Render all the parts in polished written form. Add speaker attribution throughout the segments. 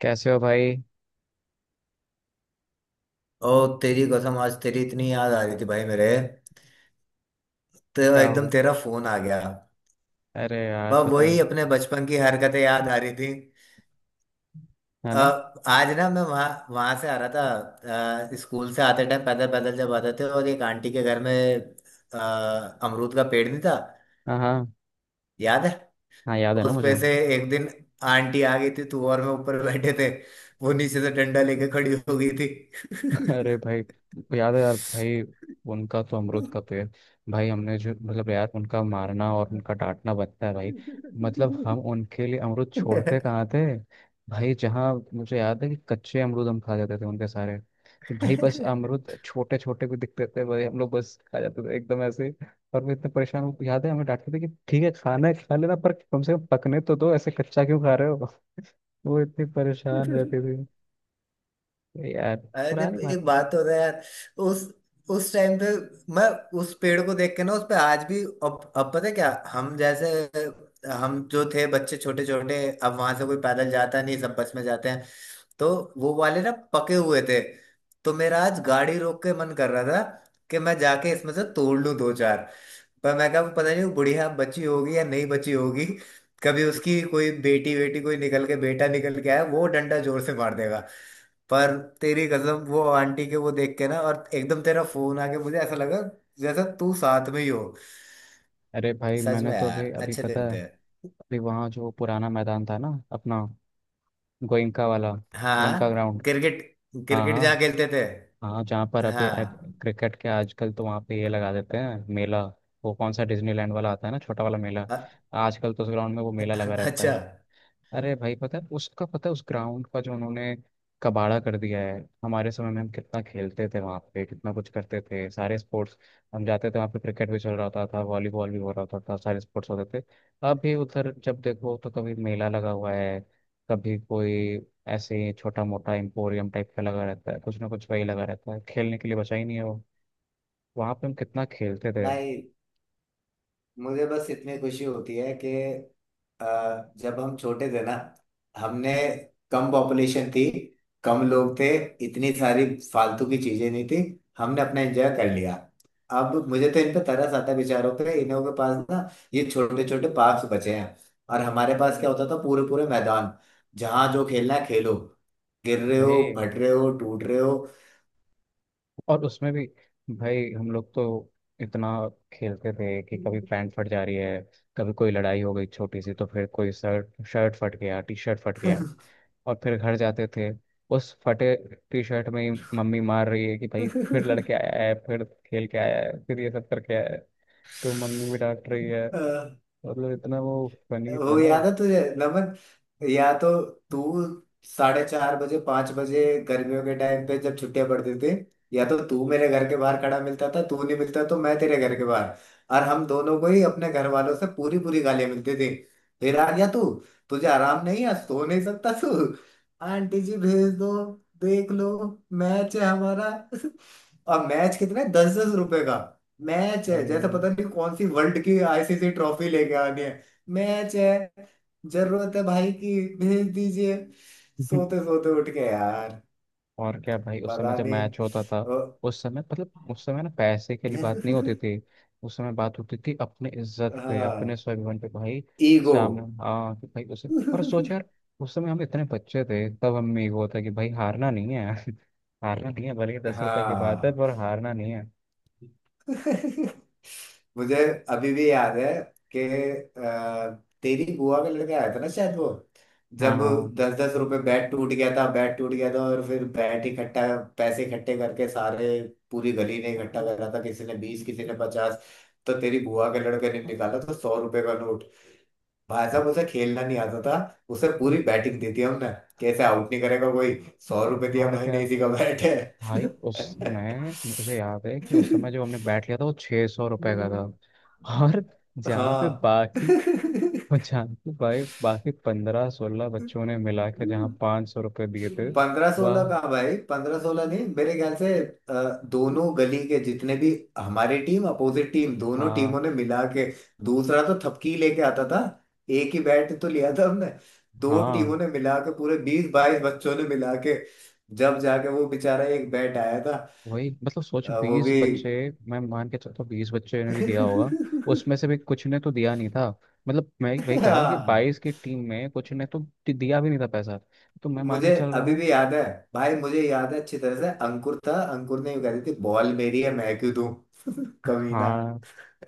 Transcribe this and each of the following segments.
Speaker 1: कैसे हो भाई?
Speaker 2: ओ, तेरी कसम, आज तेरी इतनी याद आ रही थी भाई मेरे तो
Speaker 1: क्या हो
Speaker 2: एकदम
Speaker 1: गया?
Speaker 2: तेरा फोन आ गया।
Speaker 1: अरे यार,
Speaker 2: वह
Speaker 1: पता है।
Speaker 2: वही अपने बचपन की हरकतें याद आ रही थी।
Speaker 1: है
Speaker 2: अ,
Speaker 1: ना।
Speaker 2: आज ना मैं वहाँ वहाँ से आ रहा था। स्कूल से आते टाइम पैदल पैदल जब आते थे, और एक आंटी के घर में अ, अमरूद का पेड़ नहीं था?
Speaker 1: हाँ हाँ।
Speaker 2: याद है?
Speaker 1: हाँ, याद है ना
Speaker 2: उस
Speaker 1: मुझे।
Speaker 2: पे से एक दिन आंटी आ गई थी, तू और मैं ऊपर बैठे थे, वो नीचे से डंडा लेके खड़ी हो गई थी।
Speaker 1: अरे भाई, याद है यार भाई। उनका तो अमरूद का पेड़। भाई हमने जो मतलब यार, उनका मारना और उनका डांटना बनता है भाई। मतलब हम उनके लिए अमरूद छोड़ते कहाँ थे। भाई, जहाँ मुझे याद है कि कच्चे अमरूद हम खा जाते थे उनके सारे। कि भाई बस अमरूद छोटे छोटे भी दिखते थे भाई, हम लोग बस खा जाते थे एकदम ऐसे ही। और वो इतने परेशान, वो याद है हमें डांटते थे कि ठीक है, खाना है खा लेना, पर कम से कम पकने तो दो। ऐसे कच्चा क्यों खा रहे हो। वो इतनी परेशान
Speaker 2: अरे,
Speaker 1: रहती थी। यार, पुरानी बात
Speaker 2: एक
Speaker 1: है।
Speaker 2: बात हो रहा है यार। उस उस टाइम पे मैं उस पेड़ को देख के ना, उस पे आज भी अब पता है क्या, हम जो थे बच्चे छोटे छोटे, अब वहां से कोई पैदल जाता नहीं, सब बस में जाते हैं। तो वो वाले ना पके हुए थे, तो मेरा आज गाड़ी रोक के मन कर रहा था कि मैं जाके इसमें से तोड़ लूं दो चार। पर मैं कहा पता नहीं वो बुढ़िया बची होगी या नहीं बची होगी, कभी उसकी कोई बेटी बेटी कोई निकल के बेटा निकल के आया, वो डंडा जोर से मार देगा। पर तेरी कसम, वो आंटी के वो देख के ना और एकदम तेरा फोन आके मुझे ऐसा लगा जैसा तू साथ में ही हो।
Speaker 1: अरे भाई,
Speaker 2: सच
Speaker 1: मैंने
Speaker 2: में
Speaker 1: तो अभी
Speaker 2: यार,
Speaker 1: अभी
Speaker 2: अच्छे
Speaker 1: पता
Speaker 2: दिन
Speaker 1: है।
Speaker 2: थे।
Speaker 1: अभी वहाँ जो पुराना मैदान था ना, अपना गोइंका वाला, गोइंका
Speaker 2: हाँ,
Speaker 1: ग्राउंड।
Speaker 2: क्रिकेट।
Speaker 1: हाँ
Speaker 2: क्रिकेट जहाँ
Speaker 1: हाँ।
Speaker 2: खेलते थे।
Speaker 1: हाँ, जहाँ पर अभी अब
Speaker 2: हाँ।
Speaker 1: क्रिकेट के आजकल तो वहाँ पे ये लगा देते हैं, मेला। वो कौन सा डिज्नीलैंड वाला आता है ना, छोटा वाला मेला।
Speaker 2: अ-
Speaker 1: आजकल तो उस ग्राउंड में वो मेला लगा रहता
Speaker 2: अच्छा।
Speaker 1: है। अरे भाई, पता है उसका, पता है उस ग्राउंड का जो उन्होंने कबाड़ा कर दिया है। हमारे समय में हम कितना खेलते थे वहाँ पे, कितना कुछ करते थे, सारे स्पोर्ट्स। हम जाते थे वहाँ पे, क्रिकेट भी चल रहा होता था, वॉलीबॉल भी हो रहा होता था, सारे स्पोर्ट्स होते थे। अब भी उधर जब देखो तो कभी मेला लगा हुआ है, कभी कोई ऐसे ही छोटा मोटा एम्पोरियम टाइप का लगा रहता है, कुछ ना कुछ वही लगा रहता है। खेलने के लिए बचा ही नहीं है वो। वहाँ पे हम कितना खेलते थे।
Speaker 2: भाई, मुझे बस इतनी खुशी होती है कि जब हम छोटे थे ना, हमने कम पॉपुलेशन थी, कम लोग थे, इतनी सारी फालतू की चीजें नहीं थी, हमने अपना एंजॉय कर लिया। अब मुझे तो इन पे तरस आता है बेचारों पे, इन्हों के पास ना ये छोटे छोटे पार्क्स बचे हैं, और हमारे पास क्या होता था, पूरे पूरे मैदान, जहाँ जो खेलना है खेलो, गिर रहे हो,
Speaker 1: भाई,
Speaker 2: फट रहे हो, टूट रहे हो।
Speaker 1: और उसमें भी भाई हम लोग तो इतना खेलते थे कि कभी पैंट फट जा रही है, कभी कोई लड़ाई हो गई छोटी सी तो फिर कोई शर्ट शर्ट फट गया, टी शर्ट फट गया। और फिर घर जाते थे उस फटे टी शर्ट में ही। मम्मी मार रही है कि भाई फिर लड़के आया है, फिर खेल के आया है, फिर ये सब करके आया है। तो मम्मी भी डांट रही है।
Speaker 2: अ,
Speaker 1: मतलब इतना वो फनी था
Speaker 2: वो
Speaker 1: ना
Speaker 2: याद
Speaker 1: उस।
Speaker 2: है तुझे नमन, या तो तू 4:30 बजे 5 बजे गर्मियों के टाइम पे जब छुट्टियां पड़ती थी, या तो तू मेरे घर के बाहर खड़ा मिलता था, तू नहीं मिलता तो मैं तेरे घर के बाहर, और हम दोनों को ही अपने घर वालों से पूरी पूरी गालियां मिलती थी। फिर आ गया तू, तुझे आराम नहीं है, सो नहीं सकता तू, आंटी जी भेज दो, देख लो, मैच है हमारा। और मैच कितना, 10-10 रुपए का मैच है, जैसा
Speaker 1: हम्म।
Speaker 2: पता नहीं कौन सी वर्ल्ड की आईसीसी ट्रॉफी लेके आनी है। मैच है, जरूरत है भाई की, भेज दीजिए। सोते सोते उठ के यार।
Speaker 1: और क्या भाई, उस समय
Speaker 2: पता
Speaker 1: जब
Speaker 2: नहीं।
Speaker 1: मैच होता था,
Speaker 2: ओ,
Speaker 1: उस समय मतलब उस समय ना पैसे के लिए बात नहीं होती थी। उस समय बात होती थी अपने इज्जत पे, अपने
Speaker 2: हाँ,
Speaker 1: स्वाभिमान पे भाई।
Speaker 2: ईगो।
Speaker 1: सामने, हाँ कि भाई उसे, और सोच यार, उस समय हम इतने बच्चे थे, तब हमें ये होता कि भाई हारना नहीं है। हारना नहीं है, भले ही 10 रुपए की बात है,
Speaker 2: हाँ।
Speaker 1: पर हारना नहीं है।
Speaker 2: मुझे अभी भी याद है कि तेरी बुआ का लड़का आया था ना शायद, वो
Speaker 1: हाँ
Speaker 2: जब
Speaker 1: हाँ।
Speaker 2: 10-10 रुपए, बैट टूट गया था, और फिर बैट इकट्ठा, पैसे इकट्ठे करके सारे, पूरी गली ने इकट्ठा करा था, किसी ने 20, किसी ने 50, तो तेरी बुआ के लड़के ने निकाला तो 100 रुपए का नोट। भाई साहब, उसे खेलना नहीं आता था, उसे पूरी
Speaker 1: हम्म,
Speaker 2: बैटिंग देती हमने, कैसे आउट नहीं करेगा कोई, 100 रुपए दिया
Speaker 1: और
Speaker 2: भाई, नहीं
Speaker 1: क्या
Speaker 2: इसी का बैट
Speaker 1: भाई। उस समय मुझे याद है कि
Speaker 2: है।
Speaker 1: उस समय जो हमने बैट लिया था वो 600 रुपए का था। और जहाँ पे
Speaker 2: हाँ।
Speaker 1: बाकी, और जानकी भाई बाकी 15-16 बच्चों ने मिला के जहाँ 500 रुपये दिए थे।
Speaker 2: 15-16
Speaker 1: वह।
Speaker 2: का भाई, 15-16 नहीं मेरे ख्याल से। दोनों गली के जितने भी, हमारी टीम, अपोजिट टीम, दोनों
Speaker 1: हाँ
Speaker 2: टीमों ने मिला के, दूसरा तो थपकी लेके आता था, एक ही बैट तो लिया था हमने, दो
Speaker 1: हाँ।
Speaker 2: टीमों ने मिला के पूरे 20-22 बच्चों ने मिला के जब जाके वो बेचारा एक बैट आया था।
Speaker 1: वही मतलब सोच,
Speaker 2: वो
Speaker 1: बीस
Speaker 2: भी।
Speaker 1: बच्चे मैं मान के चलता हूँ 20 बच्चे ने भी दिया होगा, उसमें से भी कुछ ने तो दिया नहीं था। मतलब मैं वही कह रहा हूँ कि
Speaker 2: हाँ।
Speaker 1: 22 की टीम में कुछ ने तो दिया भी नहीं था पैसा। तो मैं मान के
Speaker 2: मुझे
Speaker 1: चल रहा
Speaker 2: अभी
Speaker 1: हूँ।
Speaker 2: भी याद है, भाई मुझे याद है अच्छी तरह से, अंकुर था, अंकुर ने यूं कह दी थी बॉल मेरी है मैं क्यों दूं। कमीना।
Speaker 1: हाँ।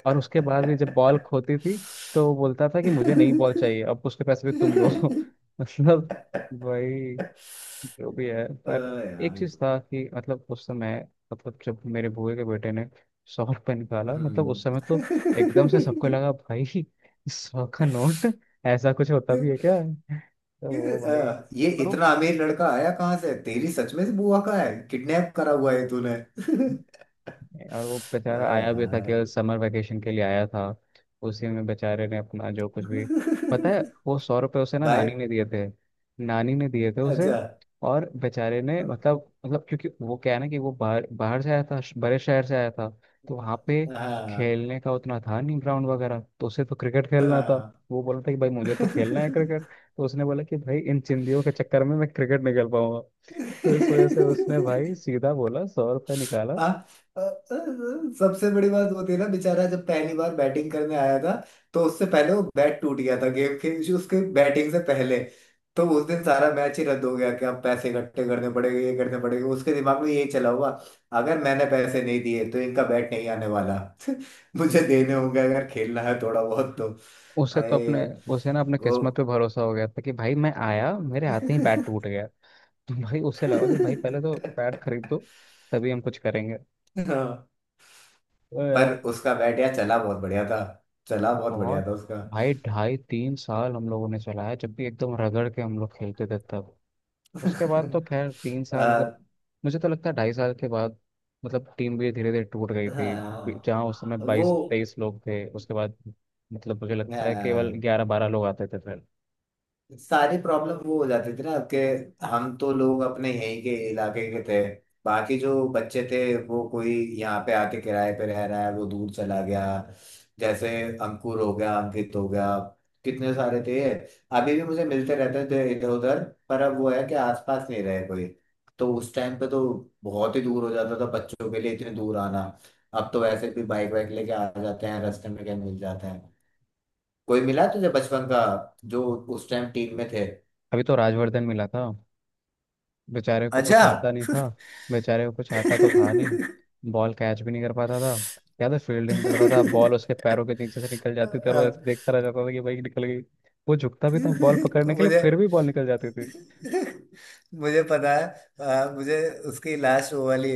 Speaker 1: और उसके बाद भी जब बॉल खोती थी तो वो बोलता था कि मुझे नई बॉल चाहिए, अब उसके पैसे भी तुम दो। मतलब वही, जो भी है, पर एक
Speaker 2: यार।
Speaker 1: चीज था कि मतलब उस समय, मतलब जब मेरे बुए के बेटे ने 100 रुपये निकाला, मतलब उस
Speaker 2: हम्म।
Speaker 1: समय तो एकदम से सबको लगा भाई सौ का नोट ऐसा कुछ होता भी है क्या। तो
Speaker 2: ये
Speaker 1: वो भाई,
Speaker 2: अ, ये
Speaker 1: पर वो,
Speaker 2: इतना अमीर लड़का आया कहाँ से, तेरी सच में से बुआ का है? किडनैप करा हुआ है तूने?
Speaker 1: और वो बेचारा आया भी था
Speaker 2: यार।
Speaker 1: केवल समर वेकेशन के लिए आया था। उसी में बेचारे ने अपना जो कुछ भी, पता है, वो 100 रुपए उसे ना
Speaker 2: भाई।
Speaker 1: नानी ने दिए थे। नानी ने दिए थे उसे।
Speaker 2: अच्छा।
Speaker 1: और बेचारे ने मतलब, मतलब क्योंकि वो क्या है ना कि वो बाहर, बाहर से आया था, बड़े शहर से आया था। तो वहाँ पे
Speaker 2: हाँ,
Speaker 1: खेलने का उतना था नहीं, ग्राउंड वगैरह, तो उसे तो क्रिकेट खेलना था।
Speaker 2: हाँ।
Speaker 1: वो बोला था कि भाई मुझे तो खेलना है क्रिकेट। तो उसने बोला कि भाई इन चिंदियों के चक्कर में मैं क्रिकेट नहीं खेल पाऊंगा। तो इस वजह से उसने भाई सीधा बोला, 100 रुपये निकाला।
Speaker 2: हाँ। अ, अ, सबसे बड़ी बात वो थी ना, बेचारा जब पहली बार बैटिंग करने आया था, तो उससे पहले वो बैट टूट गया था, गेम के, उसके बैटिंग से पहले, तो उस दिन सारा मैच ही रद्द हो गया कि अब पैसे इकट्ठे करने पड़ेंगे, ये करने पड़ेंगे, उसके दिमाग में ये चला हुआ, अगर मैंने पैसे नहीं दिए तो इनका बैट नहीं आने वाला। मुझे देने होंगे अगर खेलना है थोड़ा बहुत तो।
Speaker 1: उसे तो
Speaker 2: अरे।
Speaker 1: अपने, उसे ना अपने
Speaker 2: वो।
Speaker 1: किस्मत पे भरोसा हो गया था कि भाई मैं आया, मेरे हाथ में ही बैट टूट गया। तो भाई उसे लगा कि भाई पहले तो बैट खरीद दो, तभी हम कुछ करेंगे।
Speaker 2: हाँ,
Speaker 1: तो
Speaker 2: पर
Speaker 1: यार
Speaker 2: उसका बैट यार चला बहुत बढ़िया था, चला बहुत बढ़िया
Speaker 1: बहुत,
Speaker 2: था उसका।
Speaker 1: भाई 2.5-3 साल हम लोगों ने चलाया, जब भी एकदम रगड़ के हम लोग खेलते थे तब। उसके बाद तो खैर 3 साल मतलब,
Speaker 2: आ,
Speaker 1: मुझे तो लगता है 2.5 साल के बाद मतलब टीम भी धीरे धीरे टूट गई थी।
Speaker 2: हाँ।
Speaker 1: जहाँ उस समय
Speaker 2: वो।
Speaker 1: 22-23 लोग थे, उसके बाद मतलब मुझे लगता है केवल
Speaker 2: हाँ।
Speaker 1: 11-12 लोग आते थे फिर।
Speaker 2: सारी प्रॉब्लम वो हो जाती थी ना, कि हम तो लोग अपने यहीं के इलाके के थे, बाकी जो बच्चे थे वो कोई यहाँ पे आके किराए पे रह रहा है, वो दूर चला गया, जैसे अंकुर हो गया, अंकित हो गया, कितने सारे थे, अभी भी मुझे मिलते रहते थे इधर उधर। पर अब वो है कि आसपास नहीं रहे कोई। तो उस टाइम पे तो बहुत ही दूर हो जाता था बच्चों के लिए इतने दूर आना, अब तो वैसे भी बाइक वाइक लेके आ जाते हैं, रास्ते में क्या मिल जाते हैं। कोई मिला तुझे बचपन का जो उस टाइम टीम में थे?
Speaker 1: अभी तो राजवर्धन मिला था, बेचारे को
Speaker 2: अच्छा।
Speaker 1: कुछ आता नहीं था। बेचारे को कुछ आता तो था नहीं, बॉल कैच भी नहीं कर पाता था। या तो फील्डिंग करता था, बॉल उसके पैरों के नीचे से निकल जाती थी और वो ऐसे देखता रह जाता था कि भाई निकल गई। वो झुकता भी था बॉल पकड़ने के लिए,
Speaker 2: मुझे
Speaker 1: फिर भी बॉल निकल जाती थी।
Speaker 2: मुझे पता है, मुझे उसकी लास्ट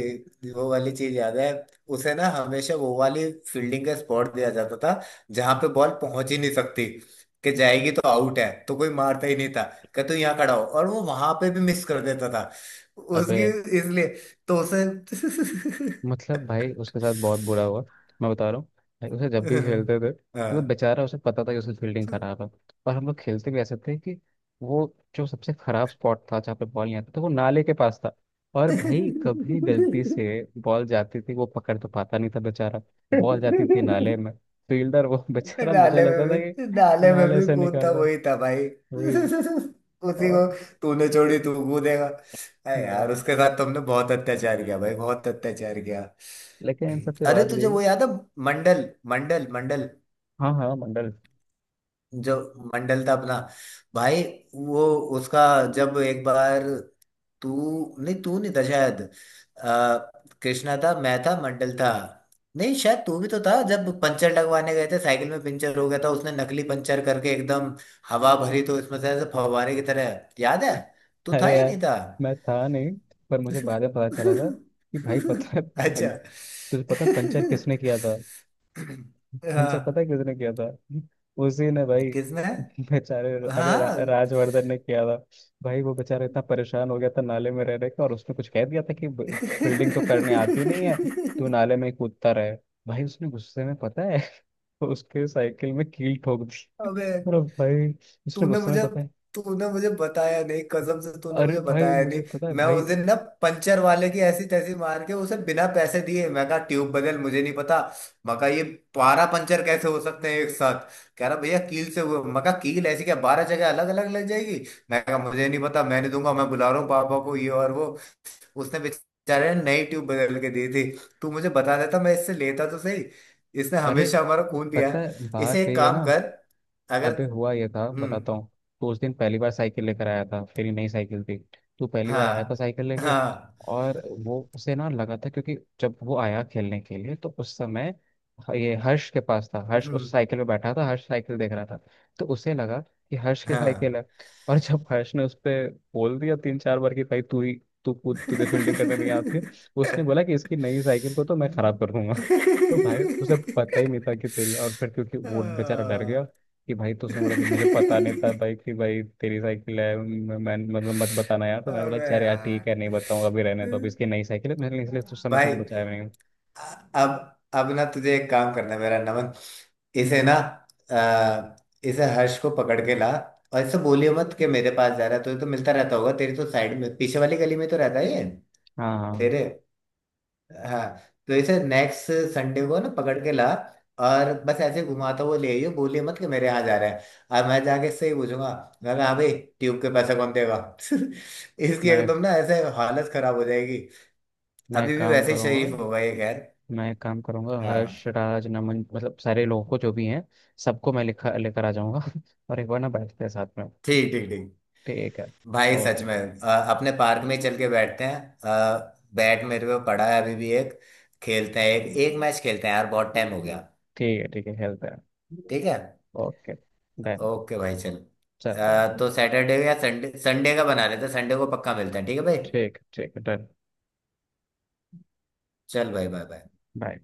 Speaker 2: वो वाली चीज याद है, उसे ना हमेशा वो वाली फील्डिंग का स्पॉट दिया जाता था जहां पे बॉल पहुंच ही नहीं सकती, कि जाएगी तो आउट है, तो कोई मारता ही नहीं था, कि तू यहाँ खड़ा हो, और वो वहां पे भी मिस कर देता था।
Speaker 1: अबे,
Speaker 2: उसकी, इसलिए तो उसे।
Speaker 1: मतलब भाई उसके साथ बहुत बुरा हुआ, मैं बता रहा हूँ। भाई उसे, जब भी खेलते थे मतलब, बेचारा, उसे पता था कि उसकी फील्डिंग
Speaker 2: हाँ।
Speaker 1: खराब है। और हम लोग खेलते भी ऐसे थे कि वो जो सबसे खराब स्पॉट था जहाँ पे बॉल नहीं आता था, वो नाले के पास था। और भाई कभी गलती से बॉल जाती थी, वो पकड़ तो पाता नहीं था बेचारा।
Speaker 2: नाले
Speaker 1: बॉल जाती थी नाले में, फील्डर वो
Speaker 2: में
Speaker 1: बेचारा, मुझे लगता था
Speaker 2: भी,
Speaker 1: कि
Speaker 2: नाले में
Speaker 1: नाले
Speaker 2: भी
Speaker 1: से निकाल
Speaker 2: कूदता
Speaker 1: रहा है।
Speaker 2: वही था भाई,
Speaker 1: वही।
Speaker 2: उसी
Speaker 1: और
Speaker 2: को। तूने छोड़ी तू कूदेगा, अरे यार
Speaker 1: हाँ,
Speaker 2: उसके साथ तुमने बहुत अत्याचार किया भाई, बहुत अत्याचार किया।
Speaker 1: लेकिन इन सब के
Speaker 2: अरे,
Speaker 1: बाद भी।
Speaker 2: तुझे वो याद है, मंडल, मंडल मंडल,
Speaker 1: हाँ हाँ, मंडल।
Speaker 2: जो मंडल था अपना, भाई वो, उसका जब एक बार, तू नहीं था शायद, आ, कृष्णा था, मैं था, मंडल था, नहीं शायद तू भी तो था, जब पंचर लगवाने गए थे, साइकिल में पंचर हो गया था, उसने नकली पंचर करके एकदम हवा भरी तो इसमें से ऐसे फव्वारे की तरह, याद है? तू था
Speaker 1: अरे
Speaker 2: या
Speaker 1: यार,
Speaker 2: नहीं था?
Speaker 1: मैं था नहीं, पर मुझे बाद में पता चला था कि भाई पता है
Speaker 2: अच्छा।
Speaker 1: तुझे पता है पंचर किसने किया था। पंचर पता
Speaker 2: हाँ।
Speaker 1: है किसने किया था? उसी ने भाई,
Speaker 2: किसने?
Speaker 1: बेचारे, अरे
Speaker 2: हाँ।
Speaker 1: राजवर्धन ने किया था। भाई वो बेचारा इतना परेशान हो गया था नाले में रह रहे के, और उसने कुछ कह दिया था कि
Speaker 2: अबे,
Speaker 1: बिल्डिंग तो करने आती नहीं है, तू नाले में ही कूदता रहे। भाई उसने गुस्से में, पता है, उसके साइकिल में कील ठोक दी। और भाई उसने
Speaker 2: तूने
Speaker 1: गुस्से में
Speaker 2: मुझे
Speaker 1: पता है।
Speaker 2: तूने मुझे बताया नहीं, कसम से तूने
Speaker 1: अरे
Speaker 2: मुझे
Speaker 1: भाई,
Speaker 2: बताया नहीं।
Speaker 1: मुझे पता है
Speaker 2: मैं
Speaker 1: भाई।
Speaker 2: उस दिन ना पंचर वाले की ऐसी तैसी मार के उसे बिना पैसे दिए, मैं कहा ट्यूब बदल, मुझे नहीं पता, मैं कहा ये 12 पंचर कैसे हो सकते हैं एक साथ, कह रहा भैया कील से हुए, मैं कहा कील ऐसी क्या 12 जगह अलग अलग लग जाएगी, मैं कहा मुझे नहीं पता, मैं नहीं दूंगा, मैं बुला रहा हूँ पापा को, ये और वो, उसने बेचारे ने नई ट्यूब बदल के दी थी। तू मुझे बता देता, मैं इससे लेता तो सही। इसने
Speaker 1: अरे,
Speaker 2: हमेशा हमारा खून पिया
Speaker 1: पता
Speaker 2: है।
Speaker 1: है
Speaker 2: इसे
Speaker 1: बात
Speaker 2: एक
Speaker 1: यही है
Speaker 2: काम
Speaker 1: ना।
Speaker 2: कर। अगर।
Speaker 1: अबे हुआ ये था,
Speaker 2: हम्म।
Speaker 1: बताता हूँ। तो उस दिन पहली बार साइकिल लेकर आया था, तेरी नई साइकिल थी, तू पहली बार आया था
Speaker 2: हाँ।
Speaker 1: साइकिल लेके।
Speaker 2: हाँ।
Speaker 1: और वो उसे ना लगा था, क्योंकि जब वो आया खेलने के लिए, तो उस समय ये हर्ष के पास था, हर्ष उस
Speaker 2: हम्म।
Speaker 1: साइकिल पे बैठा था, हर्ष साइकिल देख रहा था। तो उसे लगा कि हर्ष की
Speaker 2: हाँ।
Speaker 1: साइकिल है। और जब हर्ष ने उस पर बोल दिया 3-4 बार कि भाई तू ही, तू खुद, तुझे फील्डिंग करने नहीं आती है, उसने बोला कि इसकी नई साइकिल को तो मैं खराब कर दूंगा। तो भाई उसे पता ही नहीं था कि तेरी, और फिर क्योंकि वो बेचारा डर गया कि भाई, तो उसने बोला कि मुझे पता नहीं था भाई कि भाई तेरी साइकिल है, मतलब मत बताना यार। तो मैंने बोला,
Speaker 2: अबे
Speaker 1: चल यार ठीक
Speaker 2: यार,
Speaker 1: है, नहीं बताऊंगा, अभी रहने दो, अभी इसकी नई साइकिल है, मैंने इसलिए उस समय
Speaker 2: भाई।
Speaker 1: तुमको बचाया नहीं।
Speaker 2: अब ना तुझे एक काम करना है मेरा नमन, इसे
Speaker 1: हम्म।
Speaker 2: ना अ, इसे हर्ष को पकड़ के ला, और इसे बोलियो मत कि मेरे पास जा रहा है, तुझे तो मिलता रहता होगा, तेरी तो साइड में पीछे वाली गली में तो रहता ही है
Speaker 1: हाँ हाँ।
Speaker 2: तेरे। हाँ। तो इसे नेक्स्ट संडे को ना पकड़ के ला, और बस ऐसे घुमाता हुआ ले आइयो, बोलिए मत कि मेरे यहाँ जा रहा है, और मैं जाके इससे ही पूछूंगा, मैं कहा, हाँ भाई, ट्यूब के पैसे कौन देगा? इसकी
Speaker 1: मैं
Speaker 2: एकदम ना ऐसे हालत खराब हो जाएगी।
Speaker 1: मैं एक
Speaker 2: अभी भी
Speaker 1: काम
Speaker 2: वैसे ही
Speaker 1: करूंगा।
Speaker 2: शरीफ होगा ये, खैर।
Speaker 1: मैं एक काम करूंगा,
Speaker 2: हाँ।
Speaker 1: हर्ष, राज, नमन, मतलब सारे लोगों को जो भी हैं, सबको मैं लिखा लेकर आ जाऊंगा और एक बार ना बैठते हैं साथ में।
Speaker 2: ठीक, ठीक, ठीक।
Speaker 1: ठीक है।
Speaker 2: भाई
Speaker 1: और,
Speaker 2: सच में, अ, अपने पार्क में ही चल के बैठते हैं, बैट मेरे पे पड़ा है अभी भी एक, खेलते हैं, एक एक मैच खेलते हैं यार, बहुत टाइम हो गया।
Speaker 1: ठीक है ठीक है, हेल्प है।
Speaker 2: ठीक है।
Speaker 1: Okay, done.
Speaker 2: ओके भाई चल।
Speaker 1: चल बाय।
Speaker 2: तो सैटरडे या संडे, संडे का बना लेते हैं, संडे को पक्का मिलते हैं, ठीक है भाई।
Speaker 1: ठीक, ठीक है डन।
Speaker 2: चल भाई, बाय बाय।
Speaker 1: बाय।